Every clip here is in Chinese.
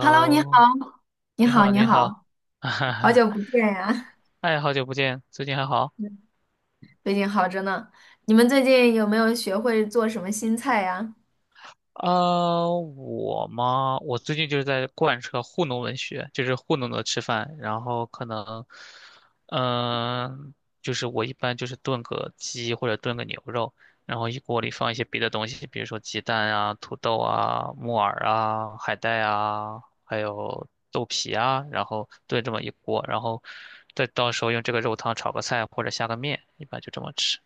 Hello，你好，你你好，好，你你好，好，哈好哈，久不见呀！哎，好久不见，最近还好？嗯最近好着呢。你们最近有没有学会做什么新菜呀？啊，我嘛，我最近就是在贯彻糊弄文学，就是糊弄的吃饭，然后可能，嗯、就是我一般就是炖个鸡或者炖个牛肉，然后一锅里放一些别的东西，比如说鸡蛋啊、土豆啊、木耳啊、海带啊，还有豆皮啊，然后炖这么一锅，然后再到时候用这个肉汤炒个菜或者下个面，一般就这么吃。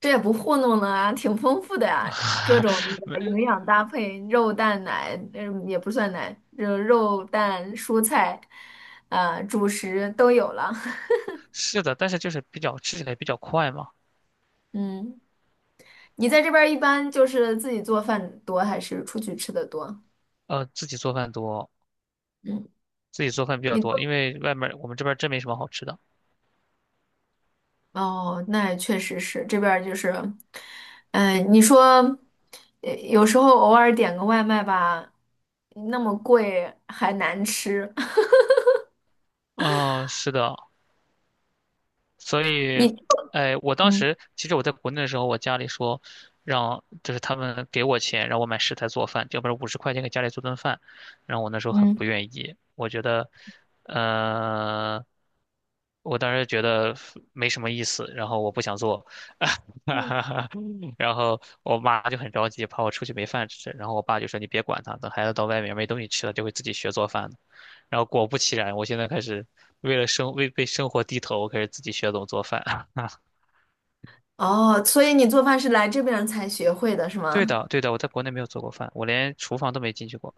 这也不糊弄了啊，挺丰富的呀，各种 的没营养搭配，肉蛋奶，也不算奶，就肉蛋蔬菜，主食都有了。是的，但是就是比较吃起来比较快嘛。嗯，你在这边儿一般就是自己做饭多，还是出去吃的多？自己做饭多，嗯。自己做饭比较你。多，因为外面儿我们这边儿真没什么好吃的。哦，那也确实是这边儿就是，你说，有时候偶尔点个外卖吧，那么贵还难吃。嗯，是的，所以，你哎，我当嗯时其实我在国内的时候，我家里说让就是他们给我钱让我买食材做饭，要不然50块钱给家里做顿饭，然后我那时候很嗯。不愿意，我觉得，呃，我当时觉得没什么意思，然后我不想做，然后我妈就很着急，怕我出去没饭吃，然后我爸就说你别管他，等孩子到外面没东西吃了，就会自己学做饭的。然后果不其然，我现在开始为生活低头，我开始自己学怎么做饭。哦，所以你做饭是来这边儿才学会的是对吗？的，对的，我在国内没有做过饭，我连厨房都没进去过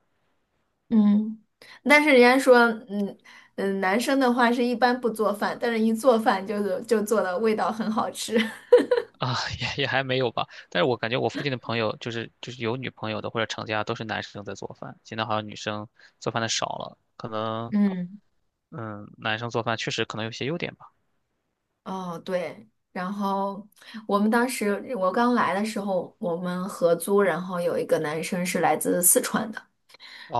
嗯，但是人家说，嗯嗯，男生的话是一般不做饭，但是一做饭就是就做的味道很好吃。啊，也还没有吧。但是我感觉我附近的朋友，就是有女朋友的或者成家，都是男生在做饭。现在好像女生做饭的少了，可能嗯。嗯，男生做饭确实可能有些优点吧。哦，对，然后我们当时我刚来的时候，我们合租，然后有一个男生是来自四川的，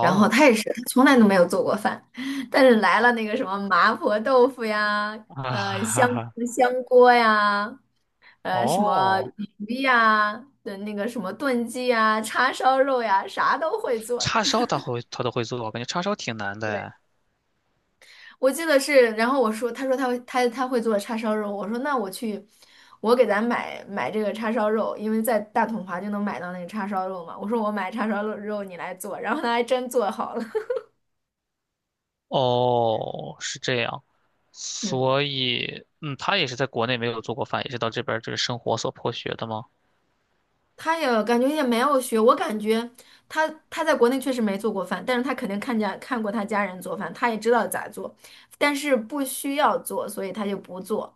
然后他也是，他从来都没有做过饭，但是来了那个什么麻婆豆腐呀，啊，呃，哈香哈香锅呀，什么哦，鱼呀，的那个什么炖鸡呀、叉烧肉呀，啥都会做。叉烧 他都会做，我感觉叉烧挺难的对。哎。我记得是，然后我说，他说他会做叉烧肉，我说那我去，我给咱买买这个叉烧肉，因为在大统华就能买到那个叉烧肉嘛。我说我买叉烧肉你来做，然后他还真做好了。哦，是这样，嗯，所以，嗯，他也是在国内没有做过饭，也是到这边儿就是生活所迫学的吗？他也感觉也没有学，我感觉他在国内确实没做过饭，但是他肯定看过他家人做饭，他也知道咋做，但是不需要做，所以他就不做。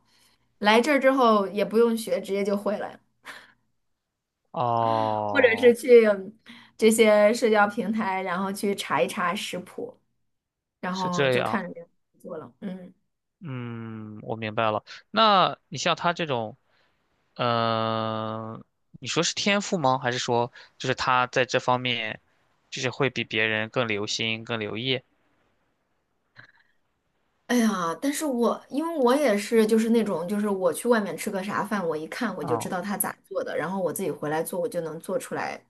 来这儿之后也不用学，直接就会了。或者是哦，去这些社交平台，然后去查一查食谱，然是后这就样，看着别人家做了。嗯。嗯，我明白了。那你像他这种，嗯、你说是天赋吗？还是说就是他在这方面，就是会比别人更留心、更留意？哎呀，但是我因为我也是就是那种就是我去外面吃个啥饭，我一看我就知哦，道他咋做的，然后我自己回来做，我就能做出来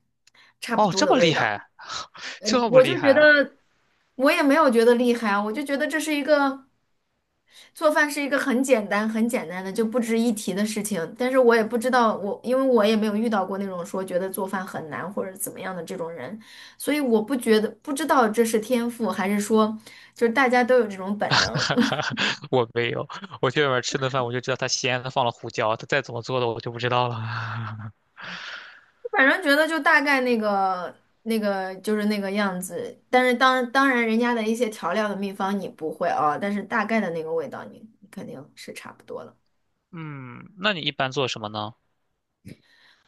差不哦，多这的么味厉道。害，嗯，这么我厉就觉害。得我也没有觉得厉害啊，我就觉得这是一个做饭是一个很简单、很简单的就不值一提的事情。但是我也不知道我，因为我也没有遇到过那种说觉得做饭很难或者怎么样的这种人，所以我不觉得不知道这是天赋还是说就是大家都有这种本能。哈哈，我没有，我去外面吃顿饭，我就知道它咸的放了胡椒，它再怎么做的我就不知道了。反正觉得就大概那个那个就是那个样子，但是当然人家的一些调料的秘方你不会啊，但是大概的那个味道你你肯定是差不多的。嗯，那你一般做什么呢？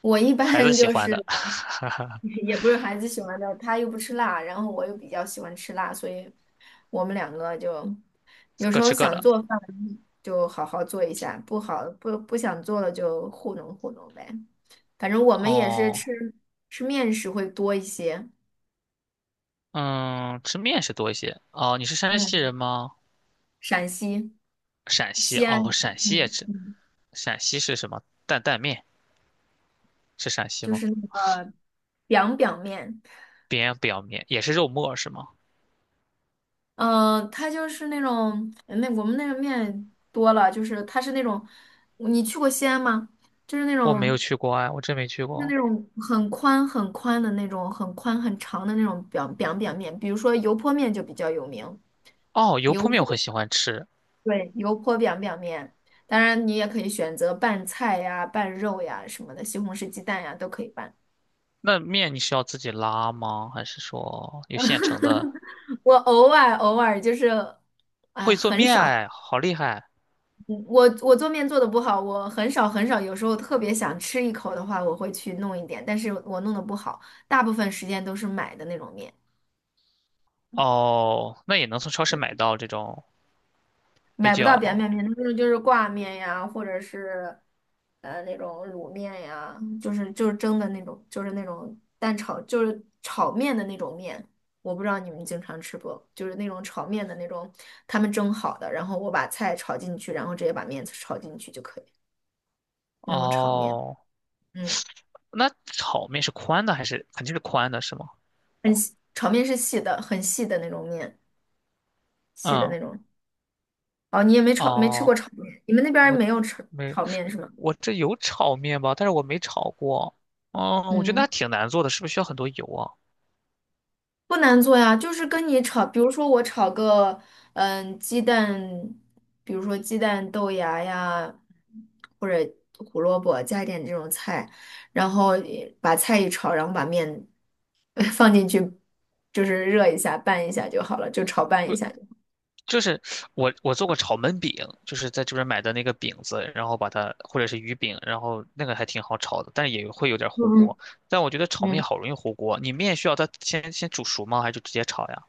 我一孩子般喜就欢是 的，也不是孩子喜欢的，他又不吃辣，然后我又比较喜欢吃辣，所以我们两个就 有时各候吃各想的。做饭就好好做一下，不好不不想做了就糊弄糊弄呗。反正我们也是哦，吃面食会多一些。嗯，吃面是多一些。哦，你是山西嗯，人吗？陕西陕西，西安哦，人。陕西也嗯吃。嗯，陕西是什么？担担面是陕西就吗？是那个 b i 面。扁表面也是肉末是吗？它就是那种那我们那个面多了，就是它是那种，你去过西安吗？就是那我没有种，去过啊，我真没去就是过。那种很宽很宽的那种，很宽很长的那种表面，比如说油泼面就比较有名。哦，油油泼面我泼。很喜欢吃。对，油泼表面，当然你也可以选择拌菜呀、拌肉呀什么的，西红柿鸡蛋呀都可以拌。那面你是要自己拉吗？还是说有现成的 我偶尔就是，会做很面少。哎，好厉害！我做面做的不好，我很少很少，有时候特别想吃一口的话，我会去弄一点，但是我弄的不好，大部分时间都是买的那种面。哦，那也能从超市嗯，买到这种比买不到扁面较面，那种就是挂面呀，或者是那种卤面呀，就是就是蒸的那种，就是那种蛋炒，就是炒面的那种面。我不知道你们经常吃不，就是那种炒面的那种，他们蒸好的，然后我把菜炒进去，然后直接把面炒进去就可以，那种炒面。哦。嗯。那炒面是宽的还是肯定是宽的是吗？很细，炒面是细的，很细的那种面，细的嗯，那种。哦，你也没炒，没吃哦，过炒面，你们那边儿我没有炒没，炒面是吗？我这有炒面吧，但是我没炒过。嗯，我觉得嗯，那挺难做的，是不是需要很多油啊？不难做呀，就是跟你炒，比如说我炒个，鸡蛋，比如说鸡蛋豆芽呀，或者胡萝卜，加一点这种菜，然后把菜一炒，然后把面 放进去，就是热一下，拌一下就好了，就炒拌一下就好。就是我做过炒焖饼，就是在这边买的那个饼子，然后把它或者是鱼饼，然后那个还挺好炒的，但是也会有点糊嗯锅。但我觉得炒面嗯，好容易糊锅，你面需要它先煮熟吗？还是就直接炒呀？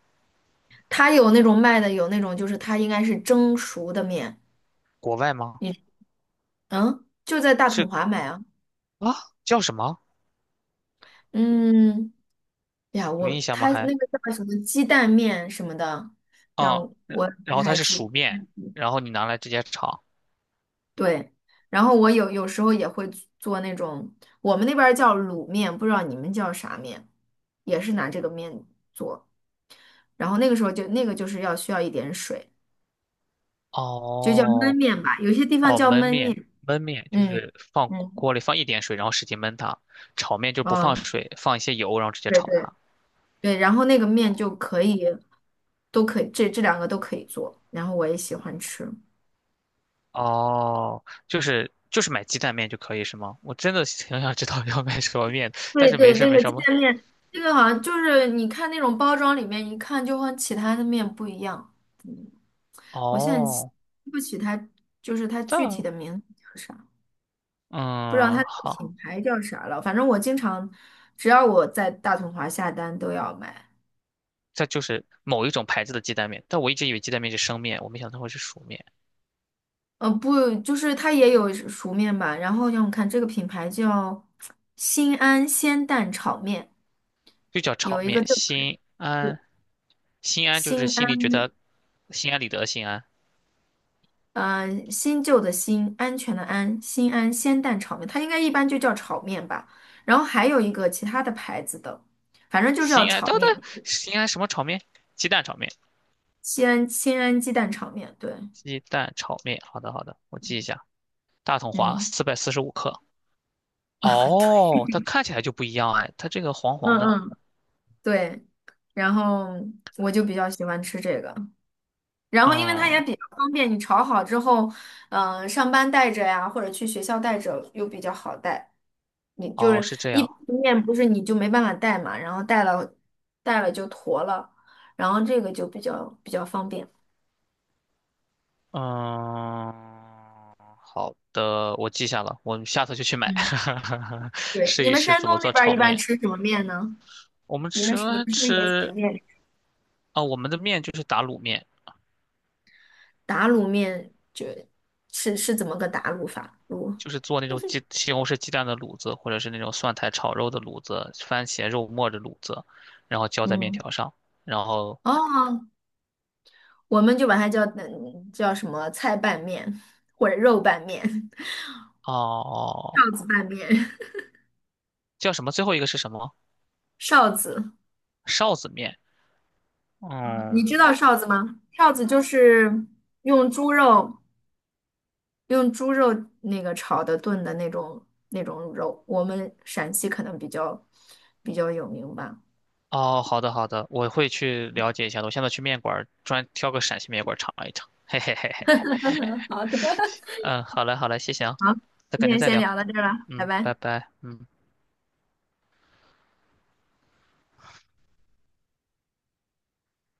它有那种卖的，有那种就是它应该是蒸熟的面。国外吗？你嗯，就在大统是华买啊。啊，叫什么？嗯，哎呀，有我印象吗？它还那个叫什么鸡蛋面什么的，让哦，然我不然后它太是记。熟面，嗯，然后你拿来直接炒。对，然后我有时候也会做那种，我们那边儿叫卤面，不知道你们叫啥面，也是拿这个面做。然后那个时候就那个就是要需要一点水，就叫焖哦面吧，有些地方哦，叫焖焖面面。焖面就嗯是放嗯，锅里放一点水，然后使劲焖它。炒面就不放啊，水，放一些油，然后直接对炒对。它。对，然后那个面就可以，都可以，这这两个都可以做，然后我也喜欢吃。哦，就是买鸡蛋面就可以是吗？我真的挺想知道要买什么面的，但对是没对，事儿那没个鸡什么。蛋面，这个好像就是你看那种包装里面，一看就和其他的面不一样。嗯，我我现在记哦，不起它，就是它具体但的名字叫啥，不知道嗯它的好，品牌叫啥了。反正我经常，只要我在大统华下单都要买。这就是某一种牌子的鸡蛋面，但我一直以为鸡蛋面是生面，我没想到会是熟面，不，就是它也有熟面吧。然后让我看这个品牌叫新安鲜蛋炒面。就叫炒有一个面。这个人心是安，心安就是新心里安，觉得心安理得的心安，新旧的新，安全的安，新安鲜蛋炒面，它应该一般就叫炒面吧。然后还有一个其他的牌子的，反正就是要心安，炒等等，面，心安什么炒面？鸡蛋炒面，西安新安鸡蛋炒面，对。鸡蛋炒面。好的好的，我记一下，大统华嗯。445克。啊，对。哦，它看起来就不一样哎，它这个黄黄嗯的，嗯，对。然后我就比较喜欢吃这个。然后，因为它也嗯，比较方便，你炒好之后，上班带着呀，或者去学校带着又比较好带。你就哦，是是这一样，般面不是你就没办法带嘛，然后带了就坨了，然后这个就比较方便。嗯，好的，我记下了，我们下次就去买，嗯，对，试你一们试山怎东么那做边儿炒一般面。吃什么面呢？我们你吃们是你们是不是也喜欢吃面？啊、我们的面就是打卤面，打卤面就是怎么个打卤法？卤。就是做那种鸡西红柿鸡蛋的卤子，或者是那种蒜苔炒肉的卤子，番茄肉末的卤子，然后浇在面嗯。条上，然后哦，我们就把它叫叫什么菜拌面或者肉拌面。哦，臊子拌面。叫什么？最后一个是什么？臊子。臊子面。你嗯，知道臊子吗？臊子就是用猪肉，用猪肉那个炒的炖的那种肉，我们陕西可能比较有名吧。哦，好的好的，我会去了解一下的。我现在去面馆儿专挑个陕西面馆儿尝一尝。嘿嘿嘿嘿，好的，嗯，好嘞好嘞，谢谢啊，好，那今改天天再先聊。聊到这儿了，拜嗯，拜。拜拜，嗯。